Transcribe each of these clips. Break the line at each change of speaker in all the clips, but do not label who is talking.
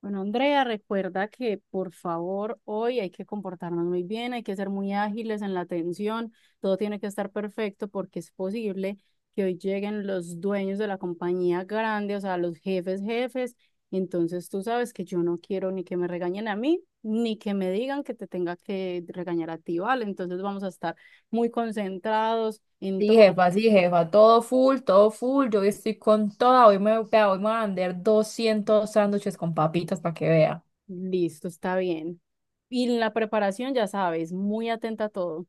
Bueno, Andrea, recuerda que por favor hoy hay que comportarnos muy bien, hay que ser muy ágiles en la atención, todo tiene que estar perfecto porque es posible que hoy lleguen los dueños de la compañía grande, o sea, los jefes, jefes. Entonces tú sabes que yo no quiero ni que me regañen a mí, ni que me digan que te tenga que regañar a ti, ¿vale? Entonces vamos a estar muy concentrados en todo.
Sí, jefa, todo full, todo full. Yo hoy estoy con toda. Vea, hoy me voy a vender 200 sándwiches con papitas para que vea.
Listo, está bien. Y la preparación, ya sabes, muy atenta a todo.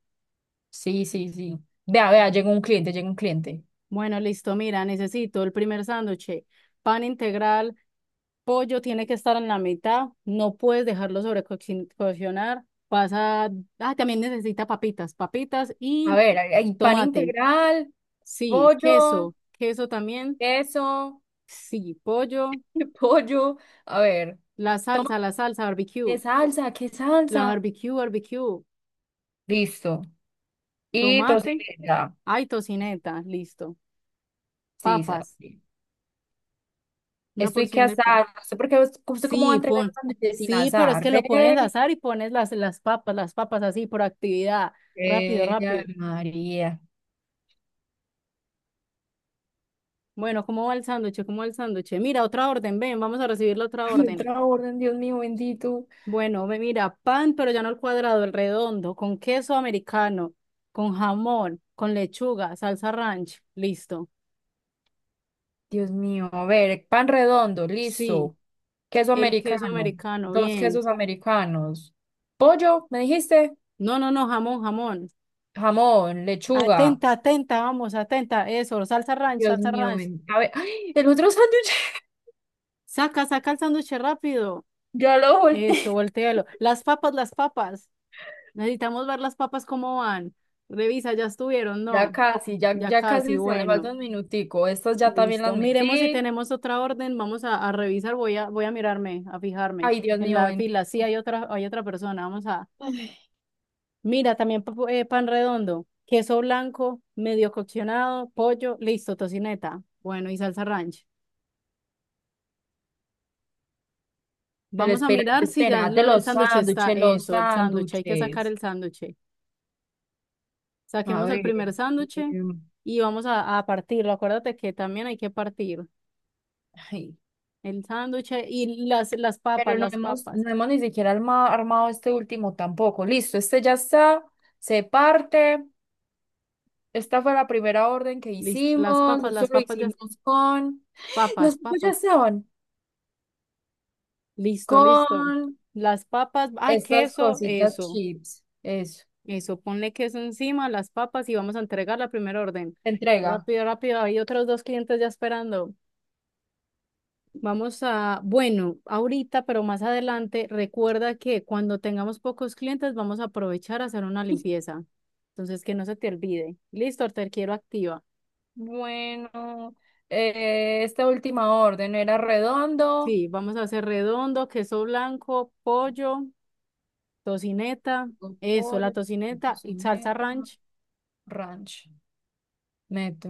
Sí, sí, sí. Vea, vea, llega un cliente, llega un cliente.
Bueno, listo. Mira, necesito el primer sándwich, pan integral, pollo tiene que estar en la mitad, no puedes dejarlo sobrecocinar. Vas a... Ah, también necesita papitas, papitas
A
y
ver, hay pan
tomate.
integral,
Sí,
pollo,
queso, queso también.
queso,
Sí, pollo,
pollo. A ver, toma,
la salsa
¿qué
barbecue,
salsa? ¿Qué
la
salsa?
barbecue, barbecue,
Listo. Y
tomate,
tocineta.
ay, tocineta, listo.
Sí,
Papas,
sí.
una
Estoy que
porción de papas.
asar. No sé por qué, usted cómo va a
Sí,
entregar los
pon,
sándwiches sin
sí, pero es
asar.
que
Ve,
lo pones a asar y pones las papas, las papas así por actividad. Rápido, rápido.
María.
Bueno, ¿cómo va el sándwich? ¿Cómo va el sándwich? Mira, otra orden, ven, vamos a recibir la otra
Ay,
orden.
otra orden, Dios mío, bendito.
Bueno, ve, mira, pan, pero ya no el cuadrado, el redondo, con queso americano, con jamón, con lechuga, salsa ranch, listo.
Dios mío, a ver, pan redondo,
Sí,
listo. Queso
el queso
americano,
americano,
dos
bien.
quesos americanos. Pollo, ¿me dijiste?
No, no, no, jamón, jamón.
Jamón, lechuga.
Atenta, atenta, vamos, atenta, eso, salsa ranch,
Dios
salsa
mío,
ranch.
a ver, ¡ay!, el otro sándwich.
Saca, saca el sándwich rápido.
Ya lo
Eso,
volteé.
voltéalo. Las papas, las papas. Necesitamos ver las papas cómo van. Revisa, ya estuvieron,
Ya
¿no?
casi, ya,
Ya
ya
casi,
casi se le
bueno,
falta un minutico. Estas ya también
listo.
las
Miremos si
metí.
tenemos otra orden. Vamos a revisar, voy a, voy a mirarme, a fijarme.
Ay, Dios
En
mío,
la fila, sí,
bendito.
hay otra persona. Vamos a.
Ay,
Mira, también pa- pan redondo, queso blanco, medio coccionado, pollo, listo, tocineta. Bueno, y salsa ranch.
pero
Vamos a
espera,
mirar si ya
espérate,
lo- el
los
sándwich está.
sándwiches, los
Eso, el sándwich, hay que sacar
sándwiches.
el sándwich.
A
Saquemos el
ver.
primer sándwich
em,
y vamos a partirlo. Acuérdate que también hay que partir
Ay,
el sándwich y las papas,
pero no
las
hemos,
papas.
no hemos ni siquiera armado este último tampoco. Listo, este ya está, se parte. Esta fue la primera orden que
Listo. Las
hicimos.
papas,
Esto
las
lo
papas, las
hicimos con. Los
papas,
otros ya
papas.
estaban.
Listo, listo.
Con
Las papas, ay,
estas
queso,
cositas
eso,
chips. Eso.
eso. Ponle queso encima, las papas y vamos a entregar la primera orden.
Entrega.
Rápido, rápido. Hay otros dos clientes ya esperando. Vamos a, bueno, ahorita, pero más adelante, recuerda que cuando tengamos pocos clientes vamos a aprovechar a hacer una limpieza. Entonces, que no se te olvide. Listo, te quiero activa.
Bueno, esta última orden era redondo.
Sí, vamos a hacer redondo, queso blanco, pollo, tocineta,
Con
eso, la
pollo, con
tocineta y salsa
tocineta,
ranch.
ranch. Meto.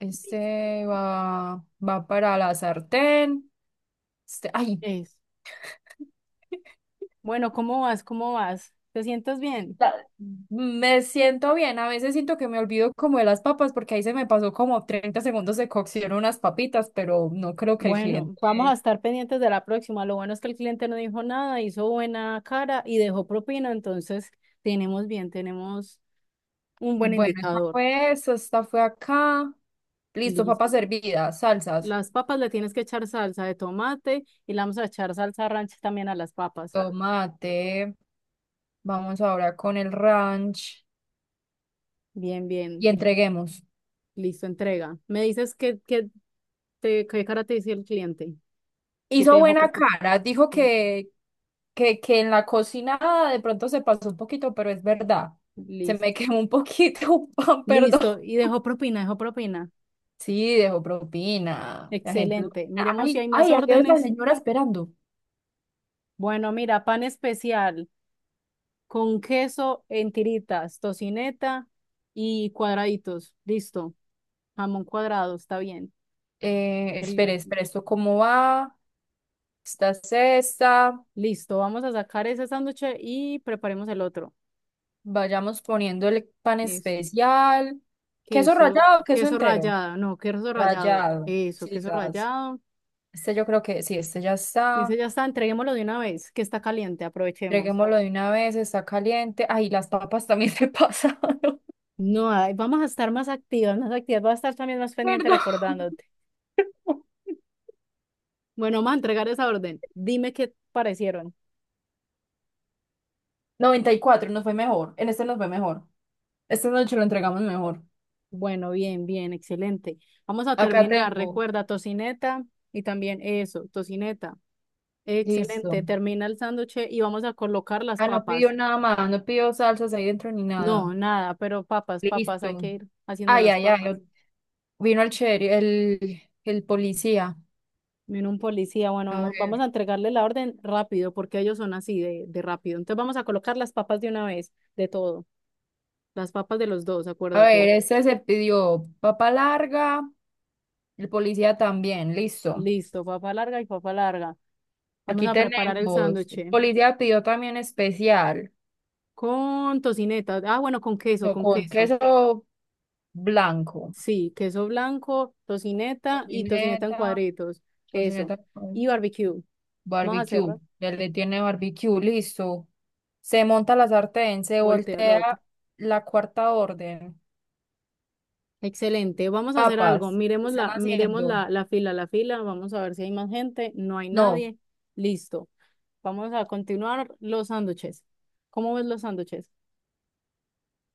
Este va para la sartén. Este, ay,
Eso. Bueno, ¿cómo vas? ¿Cómo vas? ¿Te sientes bien?
La- me siento bien. A veces siento que me olvido como de las papas porque ahí se me pasó como 30 segundos de cocción unas papitas, pero no creo que el
Bueno,
cliente.
vamos a estar pendientes de la próxima. Lo bueno es que el cliente no dijo nada, hizo buena cara y dejó propina, entonces tenemos bien, tenemos un buen
Bueno, esta
indicador.
fue eso, esta fue acá. Listo,
Listo.
papas hervidas, salsas,
Las papas le tienes que echar salsa de tomate y le vamos a echar salsa ranch también a las papas.
tomate. Vamos ahora con el ranch
Bien, bien.
y entreguemos.
Listo, entrega. Me dices que te, qué cara te dice el cliente. Si te
Hizo
dejó
buena
propina.
cara, dijo
Bien,
que, que en la cocinada de pronto se pasó un poquito, pero es verdad. Se me
listo.
quemó un poquito un pan, perdón.
Listo. Y dejó propina, dejó propina.
Sí, dejó propina. La gente.
Excelente. Miremos si
Ay,
hay más
ay, aquí hay otra
órdenes.
señora esperando.
Bueno, mira, pan especial. Con queso en tiritas, tocineta y cuadraditos. Listo. Jamón cuadrado, está bien. El,
Espere, espere, ¿esto cómo va? Esta es esta.
listo, vamos a sacar ese sándwich y preparemos el otro.
Vayamos poniendo el pan
Eso.
especial. ¿Queso
Queso,
rallado o queso
queso
entero?
rallado, no, queso rallado.
Rallado.
Eso,
Sí,
queso
sas.
rallado.
Este yo creo que sí, este ya
Y ese
está.
ya está, entreguémoslo de una vez, que está caliente, aprovechemos.
Entreguémoslo de una vez, está caliente. Ay, las papas también se pasaron,
No, ay, vamos a estar más activas, más activas. Vas a estar también más pendiente
perdón.
recordándote. Bueno, vamos a entregar esa orden. Dime qué parecieron.
94, nos fue mejor. En este nos fue mejor. Esta noche lo entregamos mejor.
Bueno, bien, bien, excelente. Vamos a
Acá
terminar.
tengo.
Recuerda, tocineta y también eso, tocineta.
Listo.
Excelente. Termina el sándwich y vamos a colocar las
Ah, no pidió
papas.
nada más, no pidió salsas ahí dentro ni nada.
No, nada, pero papas, papas, hay
Listo.
que ir haciendo
Ay,
las
ay, ay.
papas.
Vino el sheriff, el policía.
Viene un policía, bueno,
A
mo- vamos a
ver.
entregarle la orden rápido porque ellos son así de rápido. Entonces vamos a colocar las papas de una vez, de todo. Las papas de los dos,
A ver,
acuérdate.
este se pidió papa larga. El policía también, listo.
Listo, papa larga y papa larga. Vamos
Aquí
a preparar el
tenemos.
sándwich
El policía pidió también especial.
con tocineta. Ah, bueno, con queso,
No,
con
con
queso.
queso blanco,
Sí, queso blanco, tocineta y tocineta en
tocineta,
cuadritos. Eso.
tocineta
Y
con
barbecue. Vamos a
barbecue.
hacerla.
Ya
Eh,
le tiene barbecue, listo. Se monta la sartén, se
Voltea lo otro.
voltea la cuarta orden.
Excelente. Vamos a hacer algo.
Papas, ¿qué están
Miremos
haciendo?
la, la fila, la fila. Vamos a ver si hay más gente. No hay
No,
nadie. Listo. Vamos a continuar los sándwiches. ¿Cómo ves los sándwiches?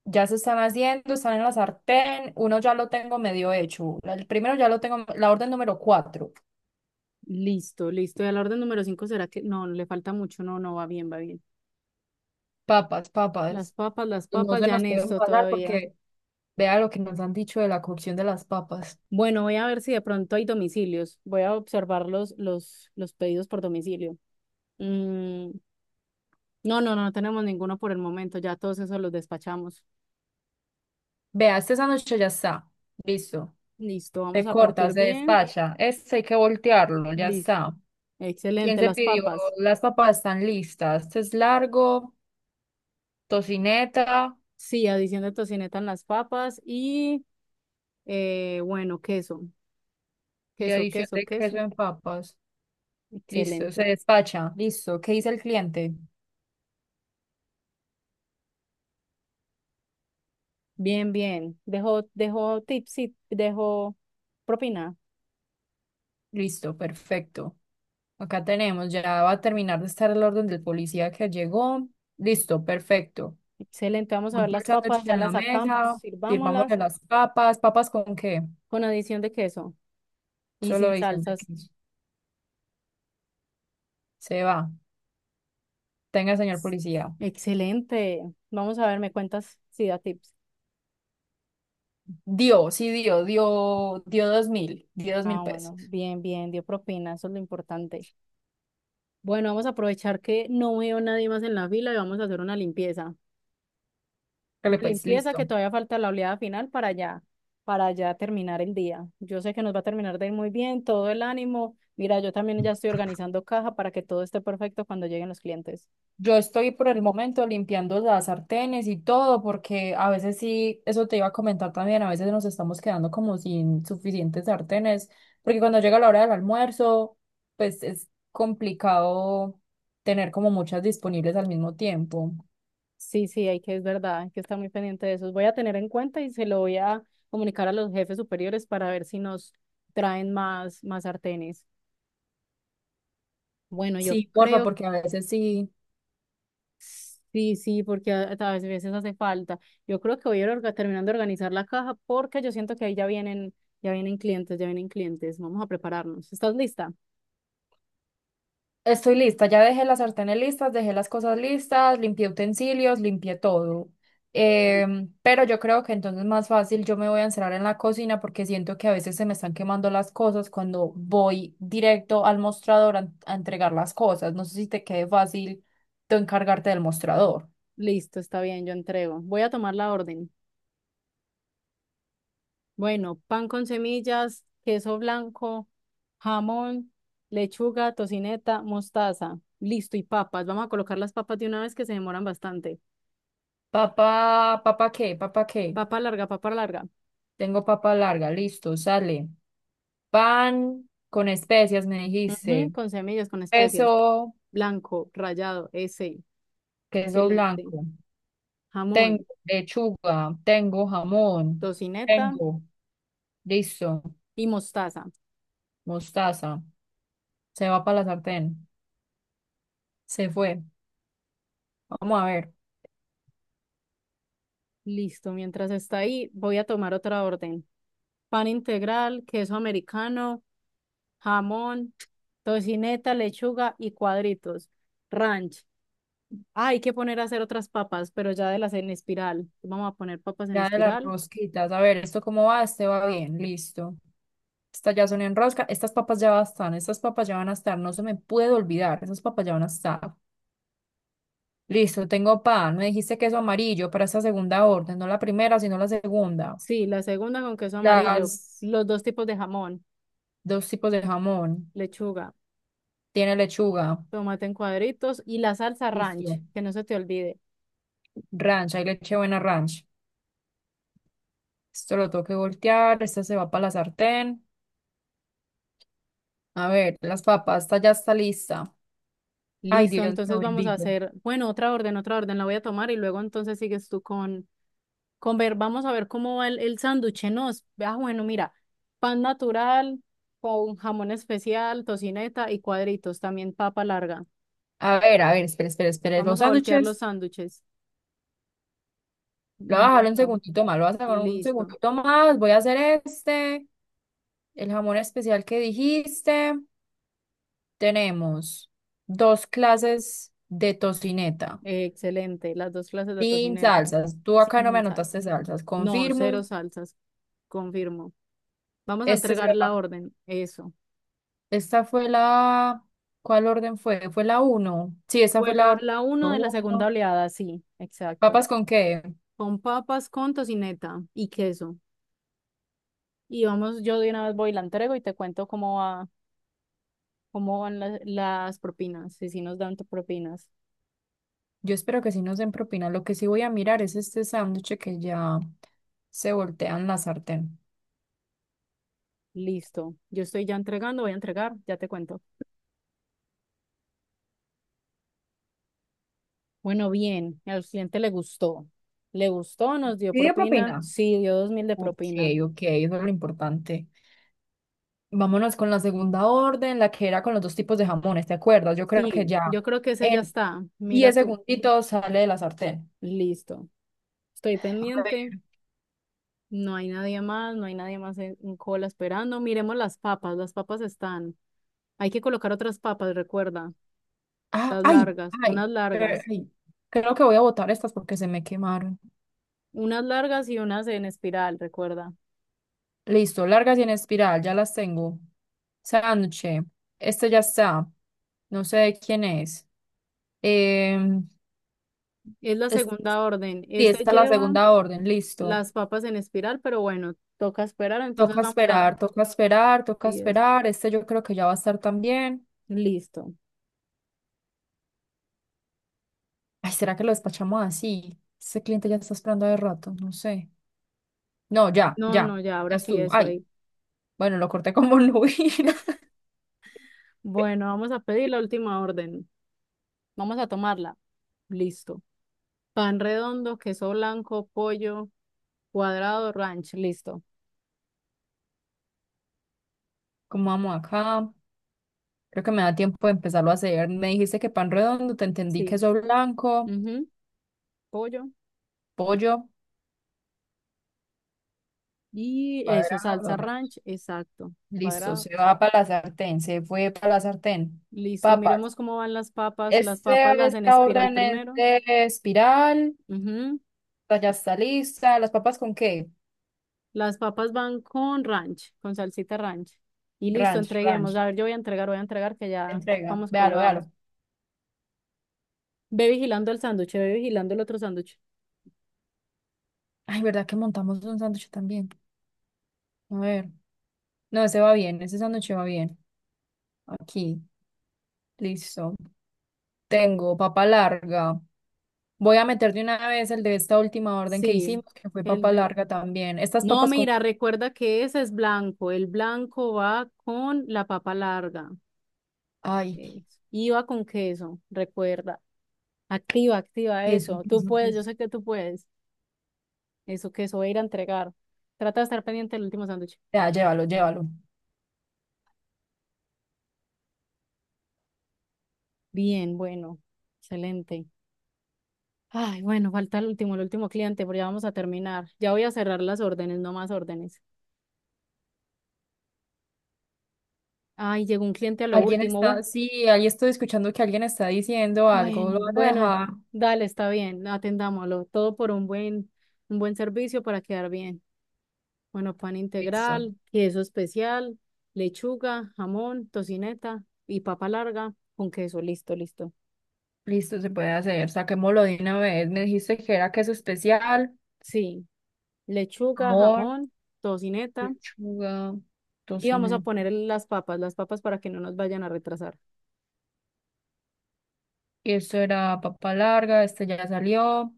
ya se están haciendo, están en la sartén. Uno ya lo tengo medio hecho. El primero ya lo tengo, la orden número 4.
Listo, listo. Y al orden número cinco será que no, le falta mucho. No, no, va bien, va bien.
Papas, papas.
Las
No
papas,
se
ya
nos
en
pueden
esto
pasar
todavía.
porque vea lo que nos han dicho de la cocción de las papas.
Bueno, voy a ver si de pronto hay domicilios. Voy a observar los pedidos por domicilio. Mm, no, no, no tenemos ninguno por el momento. Ya todos esos los despachamos.
Vea, este sándwich ya está. Listo.
Listo, vamos
Se
a
corta,
partir
se
bien.
despacha. Este hay que voltearlo, ya
Listo.
está. ¿Quién
Excelente,
se
las
pidió?
papas.
Las papas están listas. Este es largo, tocineta
Sí, adición de tocineta en las papas y bueno, queso.
y
Queso,
adición
queso,
de queso
queso.
en papas. Listo, se
Excelente.
despacha. Listo. ¿Qué dice el cliente?
Bien, bien. Dejo, dejo tips, sí, dejo propina.
Listo, perfecto. Acá tenemos, ya va a terminar de estar el orden del policía que llegó. Listo, perfecto.
Excelente, vamos a ver
Monta el
las papas,
sándwich
ya
en la
las sacamos,
mesa, sirvamos
sirvámoslas
las papas. ¿Papas con qué?
con adición de queso. Y
Solo
sin
diciendo que
salsas.
se va. Tenga, señor policía.
Excelente. Vamos a ver, me cuentas si da tips.
Dio, sí, dio dos
Ah,
mil pesos.
bueno, bien, bien, dio propina, eso es lo importante. Bueno, vamos a aprovechar que no veo nadie más en la fila y vamos a hacer una limpieza. Una
Dale pues,
limpieza que
listo.
todavía falta la oleada final para ya terminar el día. Yo sé que nos va a terminar de ir muy bien, todo el ánimo. Mira, yo también ya estoy organizando caja para que todo esté perfecto cuando lleguen los clientes.
Yo estoy por el momento limpiando las sartenes y todo, porque a veces sí, eso te iba a comentar también, a veces nos estamos quedando como sin suficientes sartenes, porque cuando llega la hora del almuerzo, pues es complicado tener como muchas disponibles al mismo tiempo.
Sí, sí, hay que, es verdad, hay que estar muy pendiente de eso. Voy a tener en cuenta y se lo voy a comunicar a los jefes superiores para ver si nos traen más, más sartenes. Bueno, yo
Sí, porfa,
creo,
porque a veces sí.
sí, sí, porque a veces hace falta. Yo creo que voy a ir orga- terminando de organizar la caja porque yo siento que ahí ya vienen clientes, ya vienen clientes. Vamos a prepararnos. ¿Estás lista?
Estoy lista, ya dejé las sartenes listas, dejé las cosas listas, limpié utensilios, limpié todo. Pero yo creo que entonces más fácil yo me voy a encerrar en la cocina porque siento que a veces se me están quemando las cosas cuando voy directo al mostrador a entregar las cosas. No sé si te quede fácil tú encargarte del mostrador.
Listo, está bien, yo entrego. Voy a tomar la orden. Bueno, pan con semillas, queso blanco, jamón, lechuga, tocineta, mostaza. Listo, y papas. Vamos a colocar las papas de una vez que se demoran bastante.
Papá, papá qué, papá qué.
Papa larga, papa larga.
Tengo papa larga, listo, sale. Pan con especias, me
Ujú,
dijiste.
con semillas, con especias.
Queso,
Blanco, rallado, ese.
queso
Excelente.
blanco. Tengo
Jamón,
lechuga, tengo jamón,
tocineta
tengo, listo,
y mostaza.
mostaza. Se va para la sartén. Se fue. Vamos a ver.
Listo, mientras está ahí, voy a tomar otra orden. Pan integral, queso americano, jamón, tocineta, lechuga y cuadritos. Ranch. Ah, hay que poner a hacer otras papas, pero ya de las en espiral. Vamos a poner papas en
Ya de las
espiral.
rosquitas. A ver, ¿esto cómo va? Este va bien, listo. Estas ya son en rosca. Estas papas ya están. Estas papas ya van a estar. No se me puede olvidar. Esas papas ya van a estar. Listo, tengo pan. Me dijiste queso amarillo para esta segunda orden. No la primera, sino la segunda.
Sí, la segunda con queso amarillo,
Las
los dos tipos de jamón,
dos tipos de jamón.
lechuga,
Tiene lechuga.
tomate en cuadritos y la salsa ranch,
Listo.
que no se te olvide.
Ranch, hay leche buena ranch. Esto lo tengo que voltear, esta se va para la sartén. A ver, las papas, esta ya está lista. Ay,
Listo,
Dios mío,
entonces vamos a
bendito.
hacer, bueno, otra orden, la voy a tomar y luego entonces sigues tú con ver, vamos a ver cómo va el sándwich, ¿no? es, Ah, bueno, mira, pan natural con jamón especial, tocineta y cuadritos, también papa larga.
A ver, espera, espera, espera.
Vamos
Los
a voltear los
sándwiches,
sándwiches.
lo voy a dejar un
Bueno.
segundito más, lo voy a sacar un
Listo.
segundito más. Voy a hacer este, el jamón especial que dijiste. Tenemos dos clases de tocineta
Excelente. Las dos clases de
sin
tocineta.
salsas. Tú acá no me
Sin salsa.
anotaste salsas,
No,
confirmo.
cero salsas. Confirmo. Vamos a
Este se
entregar la
va.
orden. Eso.
Esta fue la... ¿Cuál orden fue? Fue la uno. Sí, esta
Fue
fue la
la,
orden
la uno de la segunda
uno.
oleada, sí, exacto.
¿Papas con qué?
Con papas, con tocineta y queso. Y vamos, yo de una vez voy y la entrego y te cuento cómo va, cómo van las propinas, si sí nos dan propinas.
Yo espero que sí nos den propina. Lo que sí voy a mirar es este sándwich que ya se voltean la sartén.
Listo. Yo estoy ya entregando, voy a entregar, ya te cuento. Bueno, bien, al cliente le gustó. Le gustó, nos dio
¿Pide
propina.
propina?
Sí, dio 2.000 de
Ok,
propina.
ok, eso es lo importante. Vámonos con la segunda orden, la que era con los dos tipos de jamones, ¿te acuerdas? Yo creo que
Sí,
ya
yo creo que ese ya
en
está. Mira
10
tú.
segunditos sale de la sartén.
Listo. Estoy
A ver.
pendiente. No hay nadie más, no hay nadie más en cola esperando. Miremos las papas están. Hay que colocar otras papas, recuerda.
Ah,
Las
ay,
largas,
ay,
unas largas.
ay. Creo que voy a botar estas porque se me quemaron.
Unas largas y unas en espiral, recuerda.
Listo, largas y en espiral, ya las tengo. Sánchez, este ya está. No sé quién es. Em,
Es la
es-
segunda orden.
sí,
Esta
esta es la
lleva
segunda orden, listo.
las papas en espiral, pero bueno, toca esperar. Entonces
Toca
vamos a...
esperar, toca esperar, toca
10
esperar. Este yo creo que ya va a estar también.
Listo.
Ay, ¿será que lo despachamos así? Este cliente ya está esperando de rato, no sé. No, ya,
No,
ya,
no, ya,
ya
ahora sí
estuvo.
eso
Ay,
ahí.
bueno, lo corté como nubila.
Bueno, vamos a pedir la última orden. Vamos a tomarla. Listo. Pan redondo, queso blanco, pollo, cuadrado, ranch. Listo.
¿Cómo vamos acá? Creo que me da tiempo de empezarlo a hacer. Me dijiste que pan redondo, te entendí
Sí.
queso blanco,
Ujú, Pollo.
pollo,
Y eso, salsa
cuadrado, ¿no?
ranch. Exacto.
Listo,
Cuadrado.
se va para la sartén, se fue para la sartén.
Listo.
Papas.
Miremos cómo van las papas. Las papas
Este,
las en
esta
espiral
orden es
primero.
de espiral,
Ujú,
esta ya está lista. ¿Las papas con qué?
Las papas van con ranch, con salsita ranch. Y listo,
Ranch, ranch.
entreguemos. A ver, yo voy a entregar que ya
Entrega,
vamos
véalo, véalo.
colgados. Ve vigilando el sándwich, ve vigilando el otro sándwich.
Ay, ¿verdad que montamos un sándwich también? A ver. No, ese va bien, ese sándwich va bien. Aquí, listo. Tengo papa larga. Voy a meter de una vez el de esta última orden que
Sí,
hicimos, que fue
el
papa
de...
larga también. Estas
No,
papas con...
mira, recuerda que ese es blanco. El blanco va con la papa larga.
Ay,
Eso. Y va con queso, recuerda. Activa, activa
queso,
eso. Tú
queso,
puedes, yo
queso.
sé que tú puedes. Eso, queso, voy a ir a entregar. Trata de estar pendiente del último sándwich.
Ya, llévalo, llévalo.
Bien, bueno, excelente. Ay, bueno, falta el último cliente, pero ya vamos a terminar. Ya voy a cerrar las órdenes, no más órdenes. Ay, llegó un cliente a lo
Alguien
último.
está...
Bueno.
Sí, ahí estoy escuchando que alguien está diciendo algo. Lo
Bueno,
vas a
bueno,
dejar.
dale, está bien, atendámoslo. Todo por un buen servicio para quedar bien. Bueno, pan
Listo.
integral, queso especial, lechuga, jamón, tocineta y papa larga con queso. Listo, listo.
Listo, se puede hacer. Saquémoslo de una vez. Me dijiste que era queso especial,
Sí, lechuga,
amor,
jamón, tocineta.
lechuga,
Y vamos a
tocineta.
poner el- las papas para que no nos vayan a retrasar.
Y esto era papa larga, este ya salió.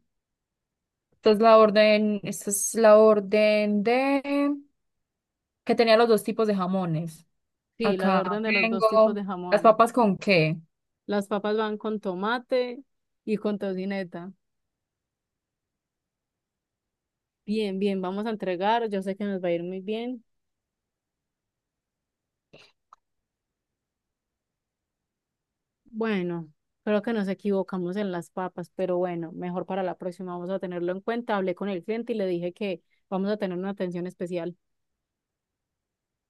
Esta es la orden, esta es la orden de que tenía los dos tipos de jamones.
Sí, la
Acá
orden de los dos tipos
tengo
de
las
jamones.
papas con qué.
Las papas van con tomate y con tocineta. Bien, bien, vamos a entregar. Yo sé que nos va a ir muy bien. Bueno, creo que nos equivocamos en las papas, pero bueno, mejor para la próxima vamos a tenerlo en cuenta. Hablé con el cliente y le dije que vamos a tener una atención especial.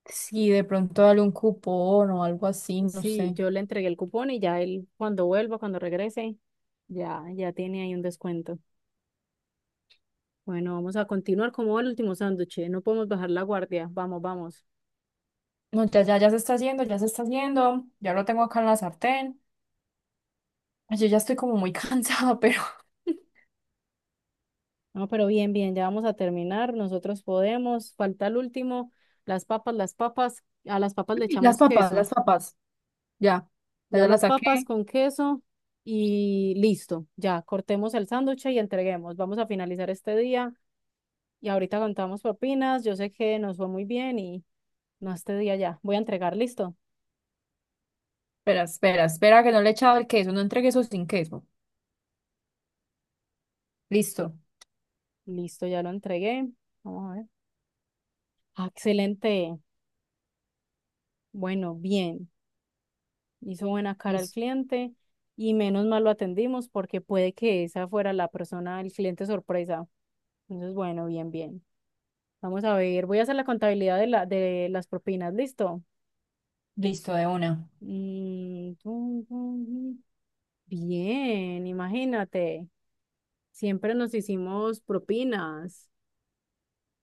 Sí, de pronto dale un cupón o algo así, no
Sí,
sé.
yo le entregué el cupón y ya él cuando vuelva, cuando regrese, ya, ya tiene ahí un descuento. Bueno, vamos a continuar como el último sándwich. ¿Eh? No podemos bajar la guardia. Vamos, vamos.
No, ya, ya, ya se está haciendo, ya se está haciendo. Ya lo tengo acá en la sartén. Ay, yo ya estoy como muy cansada, pero
No, pero bien, bien, ya vamos a terminar. Nosotros podemos. Falta el último. Las papas, las papas. A las papas le
las
echamos
papas,
queso.
las papas. Ya, ya,
Ya
ya las
las
saqué.
papas con queso y listo. Ya cortemos el sándwich y entreguemos. Vamos a finalizar este día y ahorita contamos propinas. Yo sé que nos fue muy bien y no este día ya. Voy a entregar, listo.
Espera, espera, espera que no le he echado el queso, no entregué eso sin queso. Listo,
Listo, ya lo entregué. Vamos a ver. Ah, Excelente. Bueno, bien. Hizo buena cara el
listo,
cliente y menos mal lo atendimos porque puede que esa fuera la persona, el cliente sorpresa. Entonces, bueno, bien, bien. Vamos a ver. Voy a hacer la contabilidad de la, de las propinas, listo.
listo de una.
Mm, tum, tum, tum. Bien, imagínate. Siempre nos hicimos propinas.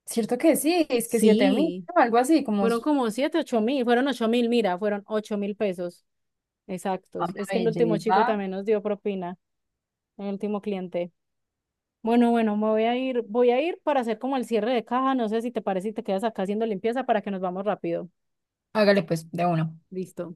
Cierto que sí, es que 7.000,
Sí,
¿no?, algo así, como
fueron como siete, 8.000, fueron 8.000, mira, fueron 8.000 pesos
Ah,
exactos.
una
Es que el último
belleza.
chico también nos dio propina, el último cliente. Bueno, bueno, me voy a ir para hacer como el cierre de caja. No sé si te parece y te quedas acá haciendo limpieza para que nos vamos rápido.
Hágale pues, de uno.
Listo.